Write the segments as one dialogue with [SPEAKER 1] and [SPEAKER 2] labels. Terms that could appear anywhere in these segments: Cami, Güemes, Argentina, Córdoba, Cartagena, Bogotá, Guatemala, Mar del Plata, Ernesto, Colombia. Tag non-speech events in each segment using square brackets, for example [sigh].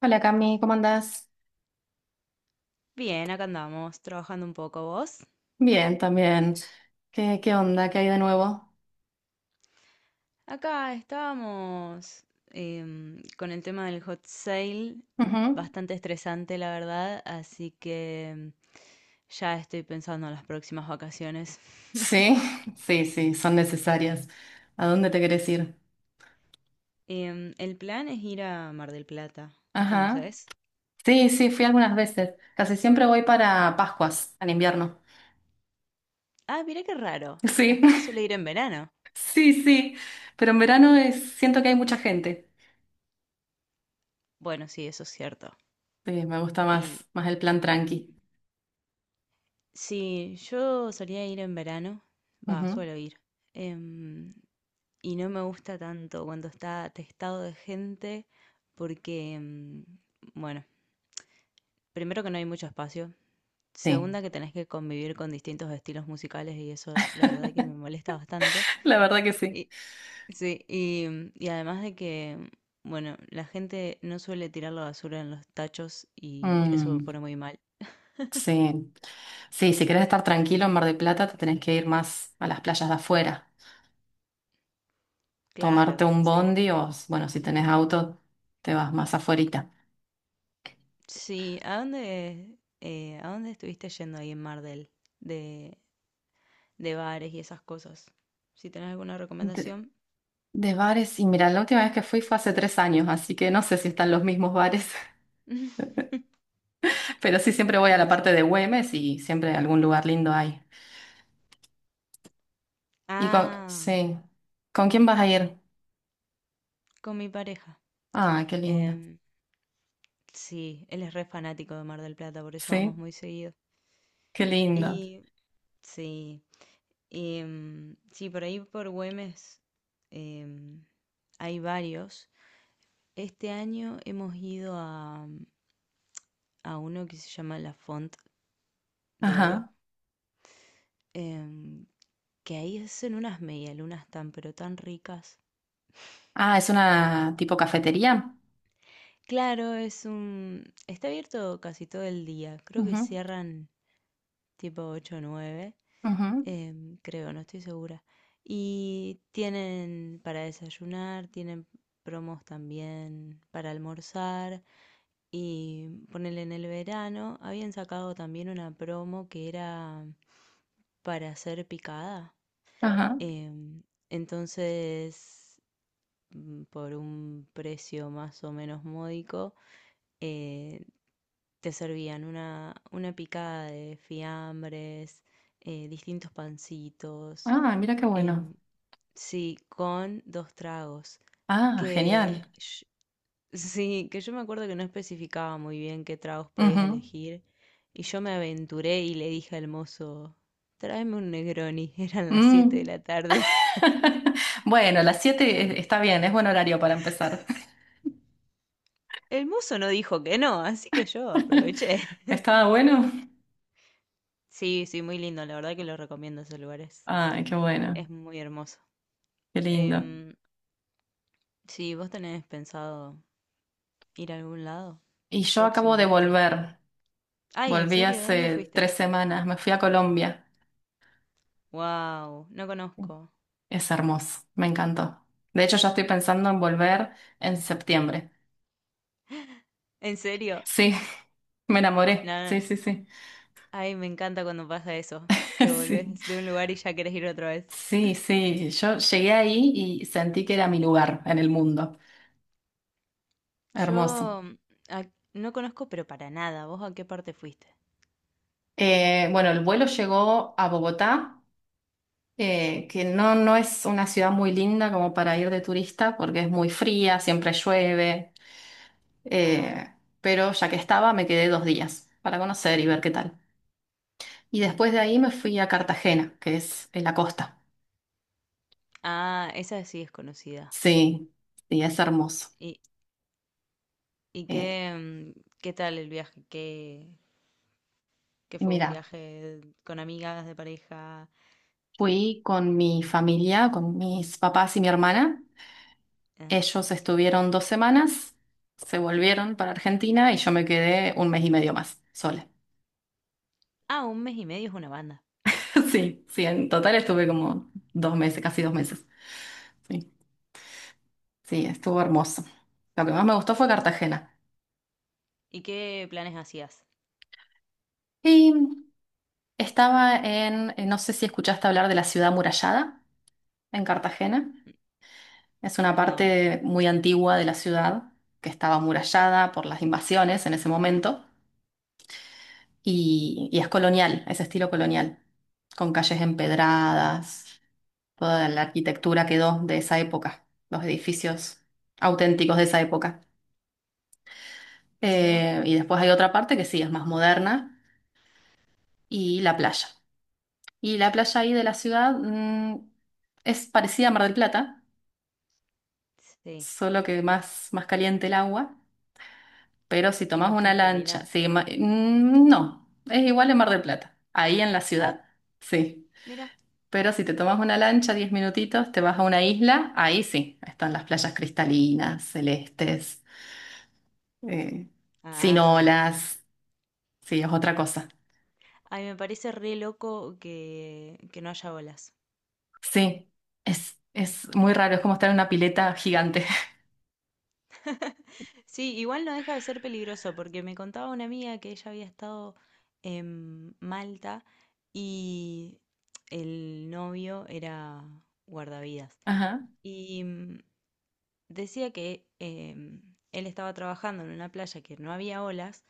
[SPEAKER 1] Hola Cami, ¿cómo andás?
[SPEAKER 2] Bien, acá andamos, trabajando un poco vos.
[SPEAKER 1] Bien, también. ¿Qué onda? ¿Qué hay de nuevo?
[SPEAKER 2] Acá estábamos, con el tema del hot sale,
[SPEAKER 1] Ujú.
[SPEAKER 2] bastante estresante la verdad, así que ya estoy pensando en las próximas vacaciones.
[SPEAKER 1] Sí,
[SPEAKER 2] [laughs]
[SPEAKER 1] [laughs] sí, sí, son necesarias. ¿A dónde te querés ir?
[SPEAKER 2] El plan es ir a Mar del Plata,
[SPEAKER 1] Ajá.
[SPEAKER 2] ¿conoces?
[SPEAKER 1] Sí, sí, fui algunas veces. Casi siempre voy para Pascuas, al invierno.
[SPEAKER 2] Ah, mirá qué raro, la
[SPEAKER 1] Sí,
[SPEAKER 2] gente suele ir en verano.
[SPEAKER 1] [laughs] sí, sí. Pero en verano es, siento que hay mucha gente.
[SPEAKER 2] Bueno, sí, eso es cierto.
[SPEAKER 1] Sí, me gusta
[SPEAKER 2] Y
[SPEAKER 1] más, más el plan tranqui.
[SPEAKER 2] sí, yo solía ir en verano, va,
[SPEAKER 1] Ujú.
[SPEAKER 2] suelo ir. Em, y no me gusta tanto cuando está atestado de gente porque, bueno, primero que no hay mucho espacio,
[SPEAKER 1] Sí,
[SPEAKER 2] segunda que tenés que convivir con distintos estilos musicales y eso la verdad que me molesta bastante.
[SPEAKER 1] [laughs] la verdad que sí.
[SPEAKER 2] Y, sí, y además de que, bueno, la gente no suele tirar la basura en los tachos y eso me
[SPEAKER 1] Mm,
[SPEAKER 2] pone muy mal.
[SPEAKER 1] sí. Sí, si querés estar tranquilo en Mar del Plata, te tenés que ir más a las playas de afuera. Tomarte
[SPEAKER 2] Claro,
[SPEAKER 1] un
[SPEAKER 2] sí.
[SPEAKER 1] bondi o, bueno, si tenés auto, te vas más afuerita.
[SPEAKER 2] Sí, ¿a dónde estuviste yendo ahí en Mar del? De, de bares y esas cosas. Si tenés alguna
[SPEAKER 1] De,
[SPEAKER 2] recomendación,
[SPEAKER 1] de bares, y mira, la última vez que fui fue hace 3 años, así que no sé si están los mismos bares,
[SPEAKER 2] [laughs]
[SPEAKER 1] [laughs] pero sí siempre voy a la
[SPEAKER 2] no
[SPEAKER 1] parte
[SPEAKER 2] sé.
[SPEAKER 1] de Güemes y siempre algún lugar lindo hay. Y con,
[SPEAKER 2] Ah,
[SPEAKER 1] sí, ¿con quién vas a ir?
[SPEAKER 2] con mi pareja.
[SPEAKER 1] Ah, qué lindo.
[SPEAKER 2] Em, sí, él es re fanático de Mar del Plata, por eso vamos
[SPEAKER 1] Sí,
[SPEAKER 2] muy seguido.
[SPEAKER 1] qué lindo.
[SPEAKER 2] Y sí, sí, por ahí por Güemes, em, hay varios. Este año hemos ido a uno que se llama La Font de Oro,
[SPEAKER 1] Ajá.
[SPEAKER 2] em, que ahí hacen unas medialunas tan pero tan ricas.
[SPEAKER 1] Ah, es una tipo cafetería.
[SPEAKER 2] Claro, Está abierto casi todo el día. Creo que
[SPEAKER 1] Ujú,
[SPEAKER 2] cierran tipo 8 o 9.
[SPEAKER 1] ujú,
[SPEAKER 2] Creo, no estoy segura. Y tienen para desayunar, tienen promos también para almorzar. Y ponerle en el verano, habían sacado también una promo que era para hacer picada.
[SPEAKER 1] ajá.
[SPEAKER 2] em, entonces, por un precio más o menos módico, eh, te servían una picada de fiambres, distintos pancitos,
[SPEAKER 1] Ah, mira qué bueno.
[SPEAKER 2] em, sí, con dos tragos,
[SPEAKER 1] Ah, genial.
[SPEAKER 2] que sh- [laughs] sí, que yo me acuerdo que no especificaba muy bien qué tragos podías
[SPEAKER 1] Ujú.
[SPEAKER 2] elegir, y yo me aventuré y le dije al mozo, tráeme un Negroni, [laughs] eran las 7 de
[SPEAKER 1] Mm.
[SPEAKER 2] la tarde.
[SPEAKER 1] [laughs] Bueno, las 7 está bien, es buen horario para empezar.
[SPEAKER 2] El mozo no dijo que no, así que yo
[SPEAKER 1] [laughs]
[SPEAKER 2] aproveché. [laughs]
[SPEAKER 1] ¿Estaba bueno?
[SPEAKER 2] Sí, sí, muy lindo, la verdad que lo recomiendo esos lugares.
[SPEAKER 1] Ay, qué bueno,
[SPEAKER 2] Es muy hermoso.
[SPEAKER 1] qué lindo.
[SPEAKER 2] Em, sí, ¿vos tenés pensado ir a algún lado
[SPEAKER 1] Y yo acabo de
[SPEAKER 2] próximamente?
[SPEAKER 1] volver,
[SPEAKER 2] Ay, ¿en
[SPEAKER 1] volví
[SPEAKER 2] serio? ¿De dónde
[SPEAKER 1] hace
[SPEAKER 2] fuiste?
[SPEAKER 1] 3 semanas, me fui a Colombia.
[SPEAKER 2] Wow, no conozco.
[SPEAKER 1] Es hermoso, me encantó. De hecho, ya estoy pensando en volver en septiembre.
[SPEAKER 2] ¿En serio?
[SPEAKER 1] Sí, [laughs] me enamoré, sí,
[SPEAKER 2] Nada.
[SPEAKER 1] sí, sí. [laughs]
[SPEAKER 2] Ay, me encanta cuando pasa eso, que volvés de un lugar y ya querés ir otra vez.
[SPEAKER 1] Sí, sí, sí. Yo llegué ahí y sentí que era mi lugar en el mundo. Hermoso.
[SPEAKER 2] Yo a- no conozco, pero para nada. ¿Vos a qué parte fuiste?
[SPEAKER 1] Bueno, el vuelo llegó a Bogotá. Que no, no es una ciudad muy linda como para ir de turista porque es muy fría, siempre llueve,
[SPEAKER 2] Ah,
[SPEAKER 1] eh, pero ya que estaba me quedé 2 días para conocer y ver qué tal. Y después de ahí me fui a Cartagena, que es en la costa.
[SPEAKER 2] ah, esa sí es conocida.
[SPEAKER 1] Sí, sí, es hermoso.
[SPEAKER 2] ¿Y, y
[SPEAKER 1] Eh,
[SPEAKER 2] qué tal el viaje? ¿Qué
[SPEAKER 1] y
[SPEAKER 2] fue un
[SPEAKER 1] mira,
[SPEAKER 2] viaje con amigas de pareja?
[SPEAKER 1] fui con mi familia, con mis papás y mi hermana.
[SPEAKER 2] Ah,
[SPEAKER 1] Ellos
[SPEAKER 2] familia.
[SPEAKER 1] estuvieron 2 semanas, se volvieron para Argentina y yo me quedé un mes y medio más sola.
[SPEAKER 2] Ah, un mes y medio es una banda.
[SPEAKER 1] [laughs] Sí, sí, en total estuve como 2 meses, casi 2 meses. Sí, sí, estuvo hermoso. Lo que más me gustó fue
[SPEAKER 2] ¿Y,
[SPEAKER 1] Cartagena.
[SPEAKER 2] y qué planes hacías?
[SPEAKER 1] Y estaba en, no sé si escuchaste hablar de la ciudad amurallada en Cartagena. Es una
[SPEAKER 2] No,
[SPEAKER 1] parte muy antigua de la ciudad que estaba amurallada por las invasiones en ese momento y es colonial, es estilo colonial, con calles empedradas, toda la arquitectura quedó de esa época, los edificios auténticos de esa época.
[SPEAKER 2] mira,
[SPEAKER 1] Y después hay otra parte que sí, es más moderna, y la playa. Y la playa ahí de la ciudad, es parecida a Mar del Plata,
[SPEAKER 2] sí.
[SPEAKER 1] solo que más, más caliente el agua, pero si
[SPEAKER 2] ¿Y
[SPEAKER 1] tomás
[SPEAKER 2] más
[SPEAKER 1] una lancha,
[SPEAKER 2] cristalina?
[SPEAKER 1] sí, no, es igual en Mar del Plata, ahí en la
[SPEAKER 2] Ah,
[SPEAKER 1] ciudad, sí.
[SPEAKER 2] mira.
[SPEAKER 1] Pero si te tomas una lancha, 10 minutitos, te vas a una isla, ahí sí, están las playas cristalinas, celestes, eh, sin
[SPEAKER 2] Ah,
[SPEAKER 1] olas, sí, es otra cosa.
[SPEAKER 2] ay, me parece re loco que no haya olas.
[SPEAKER 1] Sí, es muy raro, es como estar en una pileta gigante.
[SPEAKER 2] Sí, igual no deja de ser peligroso, porque me contaba una amiga que ella había estado en Malta y el novio era guardavidas.
[SPEAKER 1] [laughs] Ajá.
[SPEAKER 2] Y decía que él estaba trabajando en una playa que no había olas,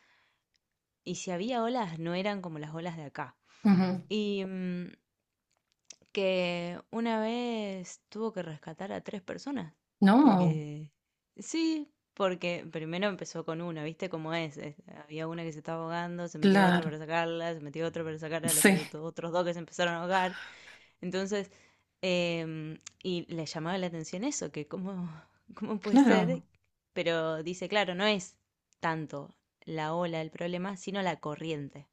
[SPEAKER 2] y si había olas no eran como las olas de acá.
[SPEAKER 1] Ujú.
[SPEAKER 2] Y que una vez tuvo que rescatar a tres personas,
[SPEAKER 1] No,
[SPEAKER 2] porque sí, porque primero empezó con una, ¿viste cómo es? Es- había una que se estaba ahogando, se metió otra
[SPEAKER 1] claro.
[SPEAKER 2] para sacarla, se metió otra para sacar a los
[SPEAKER 1] Sí,
[SPEAKER 2] que otros dos que se empezaron a ahogar, entonces, y le llamaba la atención eso, que cómo, [laughs] cómo puede ser,
[SPEAKER 1] claro.
[SPEAKER 2] pero dice, claro, no es tanto la ola el problema, sino la corriente.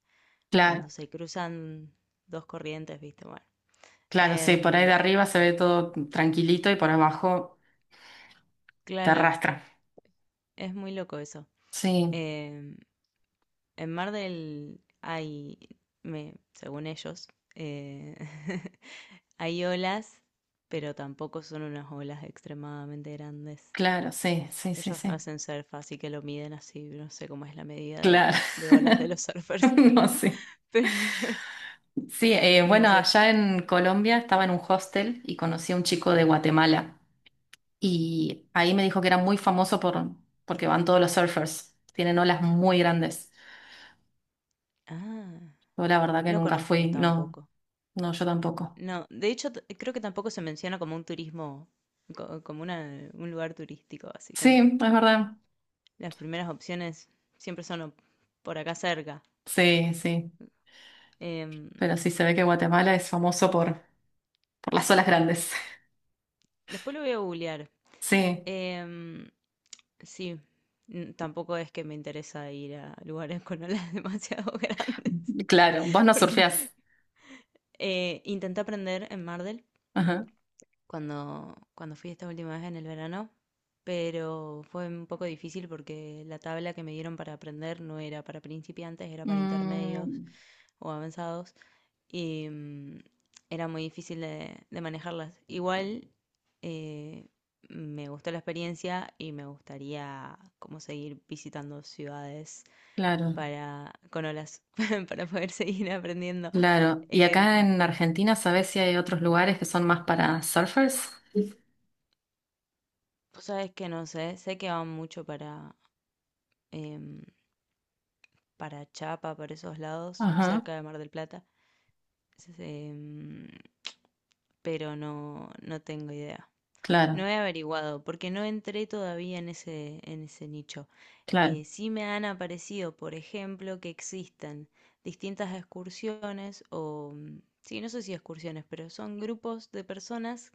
[SPEAKER 2] Cuando
[SPEAKER 1] Claro,
[SPEAKER 2] se cruzan dos corrientes, viste, bueno.
[SPEAKER 1] claro, sí. Por ahí de
[SPEAKER 2] Em,
[SPEAKER 1] arriba se ve todo tranquilito y por abajo te
[SPEAKER 2] claro,
[SPEAKER 1] arrastra.
[SPEAKER 2] es muy loco eso.
[SPEAKER 1] Sí,
[SPEAKER 2] Em, en Mar del hay, me, según ellos, eh, [laughs] hay olas, pero tampoco son unas olas extremadamente grandes.
[SPEAKER 1] claro, sí, sí, sí,
[SPEAKER 2] Ellos
[SPEAKER 1] sí.
[SPEAKER 2] hacen surf, así que lo miden así, no sé cómo es la medida
[SPEAKER 1] Claro.
[SPEAKER 2] de olas de
[SPEAKER 1] [laughs]
[SPEAKER 2] los surfers.
[SPEAKER 1] No,
[SPEAKER 2] [laughs]
[SPEAKER 1] sí.
[SPEAKER 2] Pero [laughs]
[SPEAKER 1] Sí,
[SPEAKER 2] no
[SPEAKER 1] bueno,
[SPEAKER 2] sé.
[SPEAKER 1] allá en Colombia estaba en un hostel y conocí a un chico de Guatemala y ahí me dijo que era muy famoso por, porque van todos los surfers, tienen olas muy grandes.
[SPEAKER 2] Ah,
[SPEAKER 1] Yo la verdad que
[SPEAKER 2] no
[SPEAKER 1] nunca
[SPEAKER 2] conozco
[SPEAKER 1] fui, no,
[SPEAKER 2] tampoco.
[SPEAKER 1] no, yo tampoco.
[SPEAKER 2] No, de hecho creo que tampoco se menciona como un turismo, como un lugar turístico, así
[SPEAKER 1] Sí,
[SPEAKER 2] como
[SPEAKER 1] es verdad.
[SPEAKER 2] las primeras opciones siempre son por acá cerca.
[SPEAKER 1] Sí, sí.
[SPEAKER 2] Em,
[SPEAKER 1] Pero sí se ve que Guatemala es famoso por las olas grandes. [laughs]
[SPEAKER 2] Después lo voy a googlear.
[SPEAKER 1] Sí,
[SPEAKER 2] Em, sí, tampoco es que me interesa ir a lugares con olas [laughs] demasiado grandes,
[SPEAKER 1] claro. Vos no
[SPEAKER 2] [laughs] porque
[SPEAKER 1] surfeás.
[SPEAKER 2] Intenté aprender en Mar del
[SPEAKER 1] Ajá.
[SPEAKER 2] cuando fui esta última vez en el verano, pero fue un poco difícil porque la tabla que me dieron para aprender no era para principiantes, era para intermedios
[SPEAKER 1] Mm,
[SPEAKER 2] o avanzados y era muy difícil de manejarlas. Igual eh, me gustó la experiencia y me gustaría como seguir visitando ciudades
[SPEAKER 1] claro,
[SPEAKER 2] para con olas [laughs] para poder seguir aprendiendo.
[SPEAKER 1] claro. ¿Y
[SPEAKER 2] Em,
[SPEAKER 1] acá en Argentina sabés si hay otros lugares que son más para surfers?
[SPEAKER 2] Vos sabés que no sé, sé que van mucho para, em, para Chapa, para esos lados,
[SPEAKER 1] Ajá,
[SPEAKER 2] cerca de Mar del Plata, S- em, pero no, no tengo idea.
[SPEAKER 1] claro,
[SPEAKER 2] No he averiguado, porque no entré todavía en ese nicho.
[SPEAKER 1] claro.
[SPEAKER 2] Sí me han aparecido, por ejemplo, que existen distintas excursiones o, sí, no sé si excursiones, pero son grupos de personas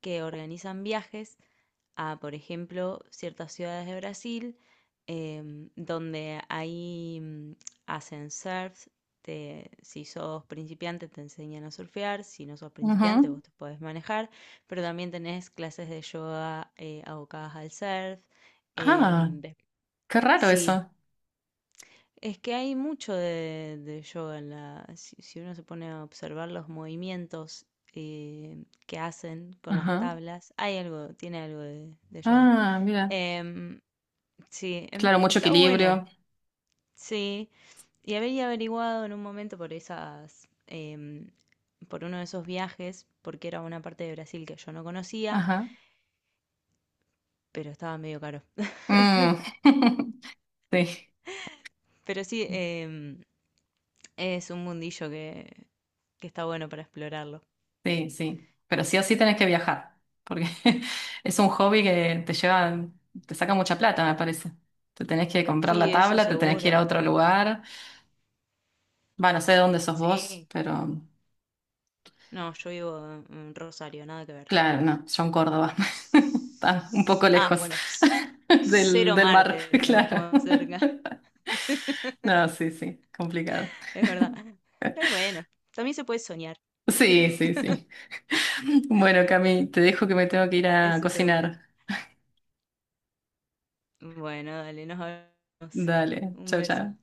[SPEAKER 2] que organizan viajes a, por ejemplo, ciertas ciudades de Brasil, donde ahí hacen surf. Si sos principiante te enseñan a surfear, si no sos principiante
[SPEAKER 1] Ujú.
[SPEAKER 2] vos te podés manejar, pero también tenés clases de yoga, abocadas al surf.
[SPEAKER 1] Ah,
[SPEAKER 2] em, des-
[SPEAKER 1] qué raro
[SPEAKER 2] sí,
[SPEAKER 1] eso.
[SPEAKER 2] es que hay mucho de yoga en la... Si, si uno se pone a observar los movimientos, que hacen con las
[SPEAKER 1] Ajá.
[SPEAKER 2] tablas, hay algo, tiene algo de yoga.
[SPEAKER 1] Ah, mira.
[SPEAKER 2] Em, sí,
[SPEAKER 1] Claro, mucho
[SPEAKER 2] está bueno,
[SPEAKER 1] equilibrio.
[SPEAKER 2] sí. Y había averiguado en un momento por esas, por uno de esos viajes, porque era una parte de Brasil que yo no conocía,
[SPEAKER 1] Ajá.
[SPEAKER 2] pero estaba medio caro. [laughs]
[SPEAKER 1] Mm. [laughs] Sí.
[SPEAKER 2] Pero sí, es un mundillo que está bueno para explorarlo.
[SPEAKER 1] Sí, sí. Pero sí o sí tenés que viajar, porque [laughs] es un hobby que te lleva, te saca mucha plata, me parece. Te tenés que comprar la
[SPEAKER 2] Sí, eso
[SPEAKER 1] tabla, te tenés que ir a
[SPEAKER 2] seguro.
[SPEAKER 1] otro lugar. Va, no sé de dónde sos vos,
[SPEAKER 2] Sí.
[SPEAKER 1] pero
[SPEAKER 2] No, yo vivo en Rosario, nada que ver.
[SPEAKER 1] claro, no, yo en Córdoba. [laughs] Está un poco
[SPEAKER 2] Ah,
[SPEAKER 1] lejos
[SPEAKER 2] bueno,
[SPEAKER 1] [laughs] del,
[SPEAKER 2] cero
[SPEAKER 1] del
[SPEAKER 2] mar
[SPEAKER 1] mar, [laughs] claro.
[SPEAKER 2] tenemos cerca. [laughs]
[SPEAKER 1] No, sí, sí, complicado.
[SPEAKER 2] Es verdad. Pero bueno, también se puede soñar,
[SPEAKER 1] Sí, sí, sí. Bueno, Cami, te dejo que me tengo que ir a
[SPEAKER 2] eso seguro.
[SPEAKER 1] cocinar.
[SPEAKER 2] Bueno, dale, nos hablamos.
[SPEAKER 1] Dale,
[SPEAKER 2] Un
[SPEAKER 1] chao,
[SPEAKER 2] beso.
[SPEAKER 1] chao.